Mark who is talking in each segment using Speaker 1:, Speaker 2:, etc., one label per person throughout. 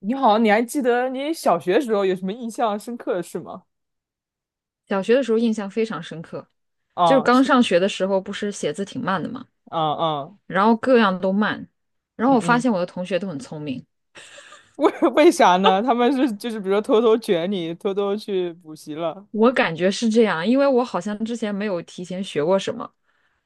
Speaker 1: 你好，你还记得你小学时候有什么印象深刻的事吗？
Speaker 2: 小学的时候印象非常深刻，就是
Speaker 1: 啊，
Speaker 2: 刚
Speaker 1: 是
Speaker 2: 上学的时候，不是写字挺慢的嘛，
Speaker 1: 啊啊，
Speaker 2: 然后各样都慢，然后
Speaker 1: 嗯
Speaker 2: 我发
Speaker 1: 嗯，
Speaker 2: 现我的同学都很聪明，
Speaker 1: 为 为啥呢？他们是就是比如说偷偷卷你，偷偷去补习了
Speaker 2: 我感觉是这样，因为我好像之前没有提前学过什么，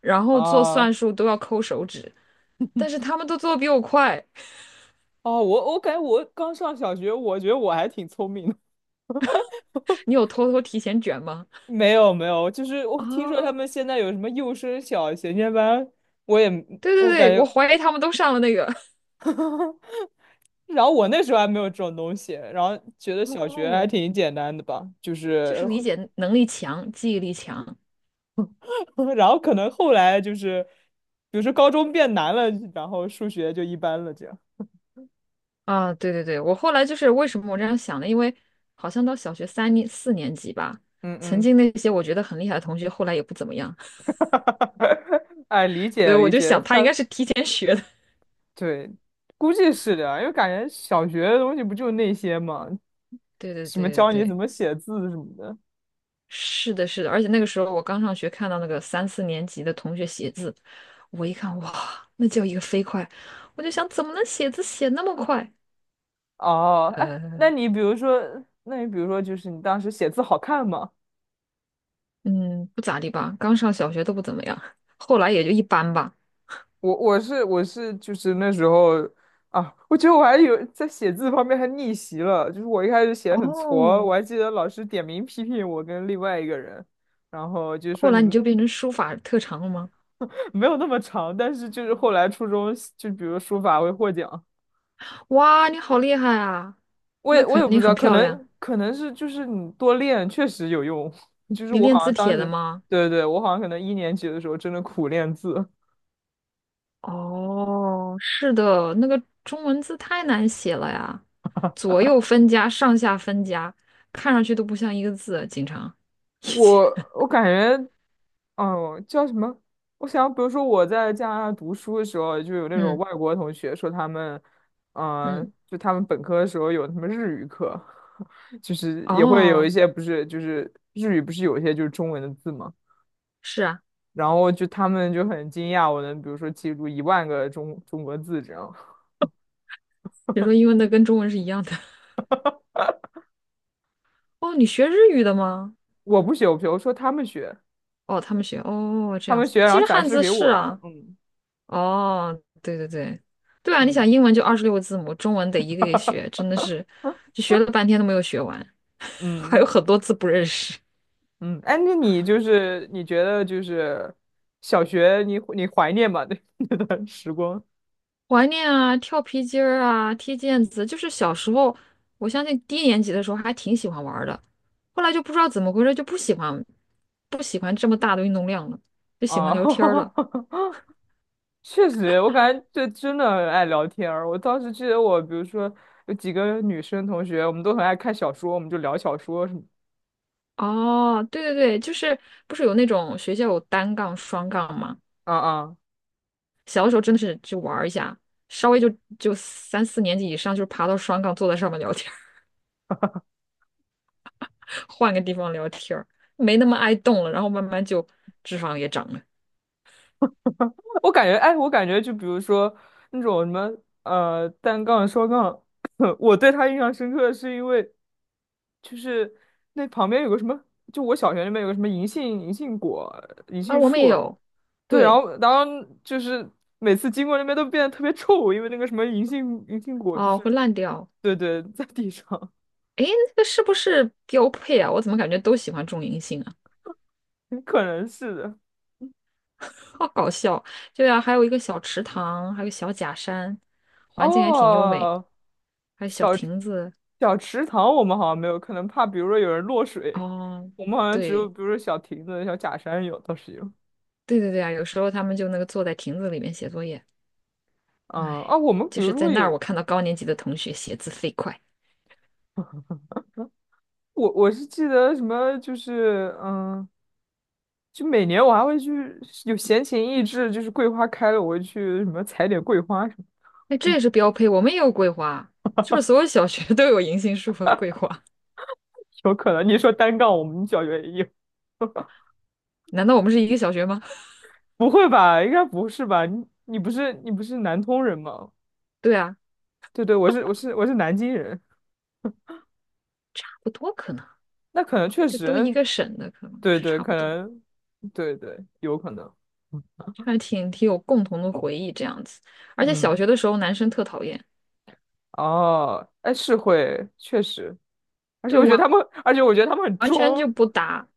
Speaker 2: 然后做
Speaker 1: 啊
Speaker 2: 算术都要抠手指，但是他们都做的比我快。
Speaker 1: 哦，我感觉我刚上小学，我觉得我还挺聪明的。
Speaker 2: 你有偷偷提前卷吗？
Speaker 1: 没有没有，就是我听说他
Speaker 2: 啊，
Speaker 1: 们现在有什么幼升小衔接班，我也
Speaker 2: 对对
Speaker 1: 我
Speaker 2: 对，
Speaker 1: 感
Speaker 2: 我
Speaker 1: 觉，
Speaker 2: 怀疑他们都上了那个。
Speaker 1: 然后我那时候还没有这种东西，然后觉得 小学还
Speaker 2: 哦，
Speaker 1: 挺简单的吧，就
Speaker 2: 就是
Speaker 1: 是。
Speaker 2: 理解能力强，记忆力强，
Speaker 1: 然后可能后来就是，比如说高中变难了，然后数学就一般了，这样。
Speaker 2: 啊，对对对，我后来就是为什么我这样想呢？因为好像到小学三、四年级吧，
Speaker 1: 嗯
Speaker 2: 曾
Speaker 1: 嗯，
Speaker 2: 经那些我觉得很厉害的同学，后来也不怎么样，
Speaker 1: 哎，理
Speaker 2: 所以
Speaker 1: 解
Speaker 2: 我
Speaker 1: 理
Speaker 2: 就
Speaker 1: 解，
Speaker 2: 想他应
Speaker 1: 他
Speaker 2: 该是提前学的。
Speaker 1: 对，估计是的啊，因为感觉小学的东西不就那些嘛，
Speaker 2: 对对
Speaker 1: 什么
Speaker 2: 对对
Speaker 1: 教你怎
Speaker 2: 对，
Speaker 1: 么写字什么的。
Speaker 2: 是的，是的，而且那个时候我刚上学，看到那个三四年级的同学写字，我一看，哇，那叫一个飞快，我就想怎么能写字写那么快？
Speaker 1: 哦，哎，那
Speaker 2: 呃，
Speaker 1: 你比如说，就是你当时写字好看吗？
Speaker 2: 嗯，不咋地吧，刚上小学都不怎么样，后来也就一般吧。
Speaker 1: 我是就是那时候啊，我觉得我还有在写字方面还逆袭了，就是我一开始写的很挫，
Speaker 2: 哦，
Speaker 1: 我还记得老师点名批评我跟另外一个人，然后就是
Speaker 2: 后
Speaker 1: 说你
Speaker 2: 来你
Speaker 1: 们
Speaker 2: 就变成书法特长了吗？
Speaker 1: 没有那么长，但是就是后来初中就比如书法会获奖，
Speaker 2: 哇，你好厉害啊！
Speaker 1: 我
Speaker 2: 那
Speaker 1: 也我
Speaker 2: 肯
Speaker 1: 也不
Speaker 2: 定
Speaker 1: 知
Speaker 2: 很
Speaker 1: 道，可
Speaker 2: 漂亮。
Speaker 1: 能可能是就是你多练确实有用，就是
Speaker 2: 你
Speaker 1: 我
Speaker 2: 练
Speaker 1: 好
Speaker 2: 字
Speaker 1: 像当
Speaker 2: 帖的
Speaker 1: 时
Speaker 2: 吗？
Speaker 1: 对对，我好像可能一年级的时候真的苦练字。
Speaker 2: 哦，是的，那个中文字太难写了呀，左右分家，上下分家，看上去都不像一个字啊，经常。
Speaker 1: 我 我感觉哦，叫什么？我想，比如说我在加拿大读书的时候，就有那种
Speaker 2: 嗯
Speaker 1: 外国同学说他们，
Speaker 2: 嗯，
Speaker 1: 就他们本科的时候有什么日语课，就是也会有一
Speaker 2: 哦，
Speaker 1: 些不是，就是日语不是有一些就是中文的字嘛，
Speaker 2: 是啊，
Speaker 1: 然后就他们就很惊讶，我能比如说记住10000个中国字这样。
Speaker 2: 你说英文的跟中文是一样的。哦，你学日语的吗？
Speaker 1: 我不学，我不学，我说他们学，
Speaker 2: 哦，他们学，哦，这
Speaker 1: 他
Speaker 2: 样
Speaker 1: 们
Speaker 2: 子。
Speaker 1: 学，然
Speaker 2: 其
Speaker 1: 后
Speaker 2: 实
Speaker 1: 展
Speaker 2: 汉
Speaker 1: 示
Speaker 2: 字
Speaker 1: 给
Speaker 2: 是
Speaker 1: 我这样。
Speaker 2: 啊，
Speaker 1: 嗯
Speaker 2: 哦，对对对，对啊，你
Speaker 1: 嗯
Speaker 2: 想英文就26个字母，中文得一个一个学，真的是，就学了半天都没有学完，还有
Speaker 1: 嗯，
Speaker 2: 很多字不认识。
Speaker 1: 嗯，哎，那你就是你觉得就是小学你怀念吗？那 那段时光
Speaker 2: 怀念啊，跳皮筋儿啊，踢毽子，就是小时候，我相信低年级的时候还挺喜欢玩儿的，后来就不知道怎么回事，就不喜欢，不喜欢这么大的运动量了，就喜欢
Speaker 1: 啊，
Speaker 2: 聊天儿了。
Speaker 1: 确实，我感觉这真的很爱聊天儿。我当时记得我，比如说有几个女生同学，我们都很爱看小说，我们就聊小说什么。
Speaker 2: 哦，对对对，就是不是有那种学校有单杠、双杠吗？
Speaker 1: 啊啊。
Speaker 2: 小的时候真的是就玩儿一下，稍微就三四年级以上，就是爬到双杠，坐在上面聊天儿 换个地方聊天儿没那么爱动了，然后慢慢就脂肪也长了
Speaker 1: 我感觉，哎，我感觉就比如说那种什么单杠、双杠，我对他印象深刻是因为就是那旁边有个什么，就我小学那边有个什么银杏果、银
Speaker 2: 啊。
Speaker 1: 杏
Speaker 2: 我们也
Speaker 1: 树，
Speaker 2: 有，
Speaker 1: 对，然
Speaker 2: 对，
Speaker 1: 后然后就是每次经过那边都变得特别臭，因为那个什么银杏果就
Speaker 2: 哦，会
Speaker 1: 是，
Speaker 2: 烂掉。
Speaker 1: 对对，在地上，
Speaker 2: 诶，那个是不是标配啊？我怎么感觉都喜欢种银杏啊？
Speaker 1: 可能是的。
Speaker 2: 好搞笑。对啊，还有一个小池塘，还有小假山，环境还挺优美，
Speaker 1: 哦，
Speaker 2: 还有小
Speaker 1: 小
Speaker 2: 亭子。
Speaker 1: 小池塘我们好像没有，可能怕比如说有人落水，
Speaker 2: 哦，
Speaker 1: 我们好像只有
Speaker 2: 对，
Speaker 1: 比如说小亭子、小假山有，倒是有。
Speaker 2: 对对对啊，有时候他们就那个坐在亭子里面写作业。
Speaker 1: 嗯啊，
Speaker 2: 哎，
Speaker 1: 我们比
Speaker 2: 就
Speaker 1: 如
Speaker 2: 是
Speaker 1: 说
Speaker 2: 在
Speaker 1: 会
Speaker 2: 那儿，我
Speaker 1: 有，
Speaker 2: 看到高年级的同学写字飞快，
Speaker 1: 我是记得什么就是嗯，就每年我还会去有闲情逸致，就是桂花开了，我会去什么采点桂花什么。
Speaker 2: 那这
Speaker 1: 嗯，
Speaker 2: 也是标配。我们也有桂花，是不是所有小学 都有银杏树和桂花？
Speaker 1: 有可能你说单杠，我们小学也有，
Speaker 2: 难道我们是一个小学吗？
Speaker 1: 不会吧？应该不是吧？你不是南通人吗？
Speaker 2: 对啊，
Speaker 1: 对对，我是南京人。
Speaker 2: 差不多可能，
Speaker 1: 那可能确
Speaker 2: 这都一
Speaker 1: 实，
Speaker 2: 个省的，可能
Speaker 1: 对
Speaker 2: 是
Speaker 1: 对，
Speaker 2: 差不
Speaker 1: 可
Speaker 2: 多，
Speaker 1: 能，对对，有可能，嗯，
Speaker 2: 还挺挺有共同的回忆这样子。而且小
Speaker 1: 嗯
Speaker 2: 学的时候，男生特讨厌，
Speaker 1: 哦，哎，是会，确实，
Speaker 2: 对，完
Speaker 1: 而且我觉得他们很
Speaker 2: 全就
Speaker 1: 装，
Speaker 2: 不打，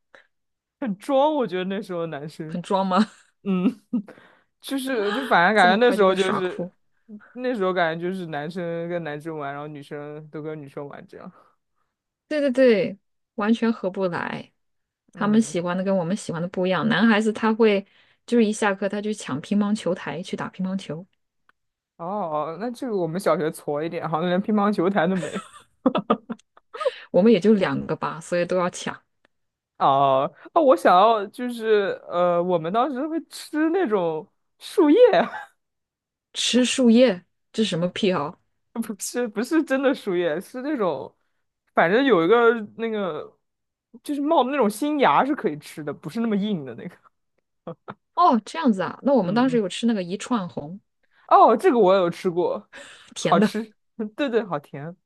Speaker 1: 很装，我觉得那时候的男生，
Speaker 2: 很装吗？
Speaker 1: 嗯，就是就反 正
Speaker 2: 这
Speaker 1: 感觉
Speaker 2: 么
Speaker 1: 那
Speaker 2: 快
Speaker 1: 时
Speaker 2: 就
Speaker 1: 候
Speaker 2: 会
Speaker 1: 就
Speaker 2: 耍
Speaker 1: 是，
Speaker 2: 酷。
Speaker 1: 那时候感觉就是男生跟男生玩，然后女生都跟女生玩这样，
Speaker 2: 对对对，完全合不来。他们
Speaker 1: 嗯，
Speaker 2: 喜欢的跟我们喜欢的不一样。男孩子他会就是一下课他去抢乒乓球台去打乒乓球，
Speaker 1: 哦，那这个我们小学矬一点，好像连乒乓球台都没有。
Speaker 2: 我们也就两个吧，所以都要抢。
Speaker 1: 哦哦，我想要就是我们当时会吃那种树叶，
Speaker 2: 吃树叶，这是什么癖好？
Speaker 1: 不是不是真的树叶，是那种，反正有一个那个，就是冒的那种新芽是可以吃的，不是那么硬的那个。
Speaker 2: 哦，这样子啊。那我们当
Speaker 1: 嗯
Speaker 2: 时
Speaker 1: 嗯，
Speaker 2: 有吃那个一串红，
Speaker 1: 哦，这个我有吃过，好
Speaker 2: 甜的。
Speaker 1: 吃，对对，好甜。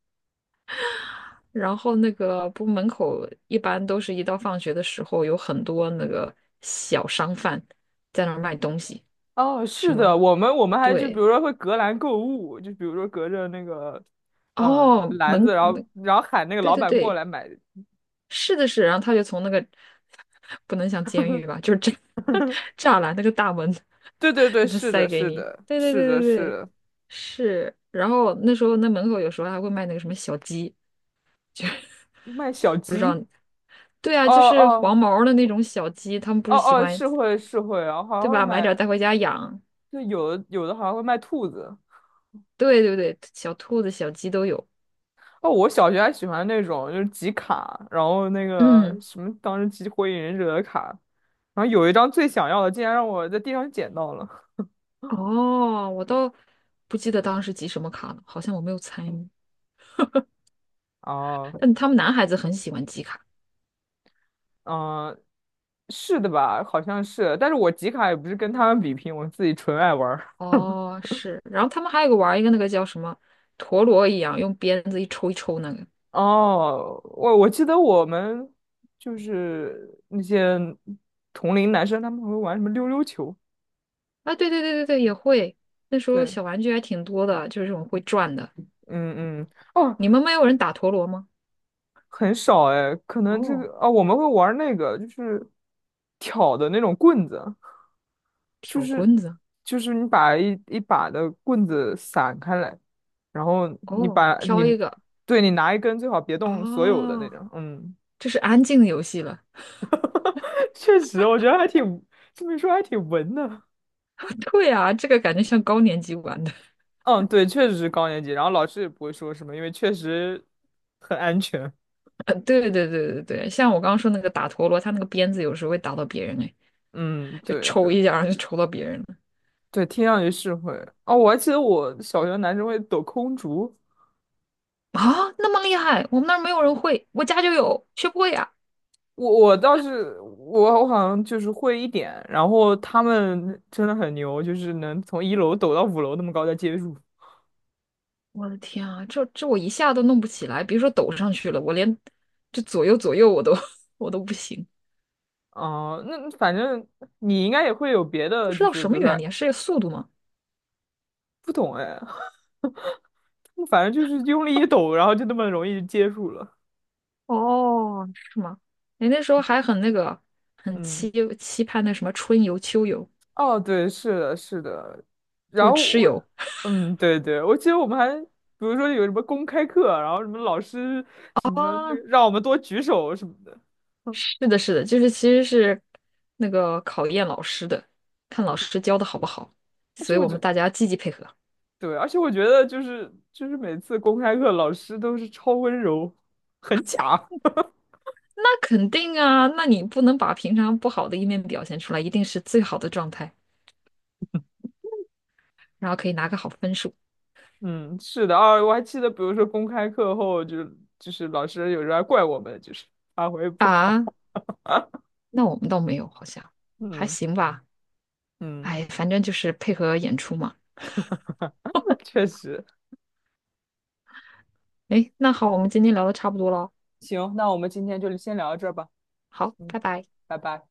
Speaker 2: 然后那个不门口一般都是一到放学的时候，有很多那个小商贩在那儿卖东西，
Speaker 1: 哦，
Speaker 2: 什
Speaker 1: 是的，
Speaker 2: 么
Speaker 1: 我们还就比
Speaker 2: 对。
Speaker 1: 如说会隔栏购物，就比如说隔着那个，
Speaker 2: 哦，
Speaker 1: 篮子，
Speaker 2: 门，
Speaker 1: 然后
Speaker 2: 门，
Speaker 1: 然后喊那个
Speaker 2: 对
Speaker 1: 老
Speaker 2: 对
Speaker 1: 板过
Speaker 2: 对，
Speaker 1: 来买。
Speaker 2: 是的是，然后他就从那个 不能像监狱吧，就是栅 栅栏那个大门
Speaker 1: 对对 对，
Speaker 2: 里面
Speaker 1: 是
Speaker 2: 塞
Speaker 1: 的，
Speaker 2: 给
Speaker 1: 是
Speaker 2: 你。
Speaker 1: 的，
Speaker 2: 对对
Speaker 1: 是
Speaker 2: 对
Speaker 1: 的，
Speaker 2: 对
Speaker 1: 是
Speaker 2: 对，
Speaker 1: 的，
Speaker 2: 是。然后那时候那门口有时候还会卖那个什么小鸡，就
Speaker 1: 卖小
Speaker 2: 不知道。
Speaker 1: 鸡，
Speaker 2: 对啊，
Speaker 1: 哦
Speaker 2: 就是黄
Speaker 1: 哦
Speaker 2: 毛儿的那种小鸡，他们不
Speaker 1: 哦
Speaker 2: 是喜
Speaker 1: 哦，
Speaker 2: 欢
Speaker 1: 是会，然后还
Speaker 2: 对
Speaker 1: 会
Speaker 2: 吧？买
Speaker 1: 买，
Speaker 2: 点儿带回家养。
Speaker 1: 就有的好像会卖兔子。
Speaker 2: 对对对，小兔子、小鸡都有。
Speaker 1: 哦，我小学还喜欢那种就是集卡，然后那个
Speaker 2: 嗯，
Speaker 1: 什么当时集火影忍者的卡，然后有一张最想要的，竟然让我在地上捡到了。
Speaker 2: 哦，我倒不记得当时集什么卡了，好像我没有参与。
Speaker 1: 哦，
Speaker 2: 但他们男孩子很喜欢集卡。
Speaker 1: 嗯、是的吧？好像是，但是我集卡也不是跟他们比拼，我自己纯爱玩。
Speaker 2: 哦，是，然后他们还有个玩儿一个那个叫什么陀螺一样，用鞭子一抽一抽那个。
Speaker 1: 哦，我记得我们就是那些同龄男生，他们会玩什么溜溜球。
Speaker 2: 啊，对对对对对，也会。那时候
Speaker 1: 对，
Speaker 2: 小玩具还挺多的，就是这种会转的。
Speaker 1: 嗯嗯，哦，
Speaker 2: 你们没有人打陀螺吗？
Speaker 1: 很少哎，可能这
Speaker 2: 哦，
Speaker 1: 个啊，我们会玩那个，就是挑的那种棍子，就
Speaker 2: 挑
Speaker 1: 是
Speaker 2: 棍子。
Speaker 1: 就是你把一把的棍子散开来，然后你
Speaker 2: 哦，
Speaker 1: 把
Speaker 2: 挑
Speaker 1: 你
Speaker 2: 一个。
Speaker 1: 对你拿一根，最好别动所有的那
Speaker 2: 哦，
Speaker 1: 种。嗯，
Speaker 2: 这是安静的游戏了。
Speaker 1: 确实，我觉得还挺这么一说还挺文的。
Speaker 2: 对啊，这个感觉像高年级玩的。
Speaker 1: 嗯，对，确实是高年级，然后老师也不会说什么，因为确实很安全。
Speaker 2: 对对对对对，像我刚刚说那个打陀螺，他那个鞭子有时候会打到别人，哎，
Speaker 1: 嗯，
Speaker 2: 就
Speaker 1: 对
Speaker 2: 抽
Speaker 1: 对
Speaker 2: 一下，然后就抽到别人了。
Speaker 1: 对，听上去是会。哦，我还记得我小学男生会抖空竹，
Speaker 2: 啊，那么厉害，我们那儿没有人会，我家就有，学不会啊
Speaker 1: 我倒是我好像就是会一点，然后他们真的很牛，就是能从一楼抖到五楼那么高再接住。
Speaker 2: 我的天啊，这我一下都弄不起来，别说抖上去了，我连这左右左右我都 我都不行，
Speaker 1: 哦、那反正你应该也会有别
Speaker 2: 不
Speaker 1: 的，
Speaker 2: 知
Speaker 1: 就
Speaker 2: 道
Speaker 1: 是
Speaker 2: 什
Speaker 1: 比
Speaker 2: 么
Speaker 1: 如
Speaker 2: 原
Speaker 1: 说
Speaker 2: 理啊，是速度吗？
Speaker 1: 不懂哎，反正就是用力一抖，然后就那么容易接住了。
Speaker 2: 是吗？你那时候还很那个，很
Speaker 1: 嗯。
Speaker 2: 期盼那什么春游、秋游，
Speaker 1: 哦，对，是的，是的。
Speaker 2: 就
Speaker 1: 然
Speaker 2: 是
Speaker 1: 后
Speaker 2: 吃
Speaker 1: 我，
Speaker 2: 游
Speaker 1: 嗯，对对，我记得我们还，比如说有什么公开课啊，然后什么老师什么那
Speaker 2: 啊。
Speaker 1: 个让我们多举手什么的。嗯，
Speaker 2: 是的，是的，就是其实是那个考验老师的，看老师教的好不好，
Speaker 1: 而且
Speaker 2: 所以
Speaker 1: 我
Speaker 2: 我们
Speaker 1: 觉，
Speaker 2: 大家积极配合。
Speaker 1: 对，而且我觉得就是每次公开课老师都是超温柔，很假。
Speaker 2: 那肯定啊，那你不能把平常不好的一面表现出来，一定是最好的状态，然后可以拿个好分数
Speaker 1: 嗯，是的，啊，我还记得，比如说公开课后就就是老师有时候还怪我们，就是发挥不好。
Speaker 2: 啊。那我们倒没有，好像还
Speaker 1: 嗯
Speaker 2: 行吧。
Speaker 1: 嗯，
Speaker 2: 哎，反正就是配合演出嘛。
Speaker 1: 那确实。
Speaker 2: 哎，那好，我们今天聊的差不多了哦，
Speaker 1: 行，那我们今天就先聊到这儿吧。
Speaker 2: 好，
Speaker 1: 嗯，
Speaker 2: 拜拜。
Speaker 1: 拜拜。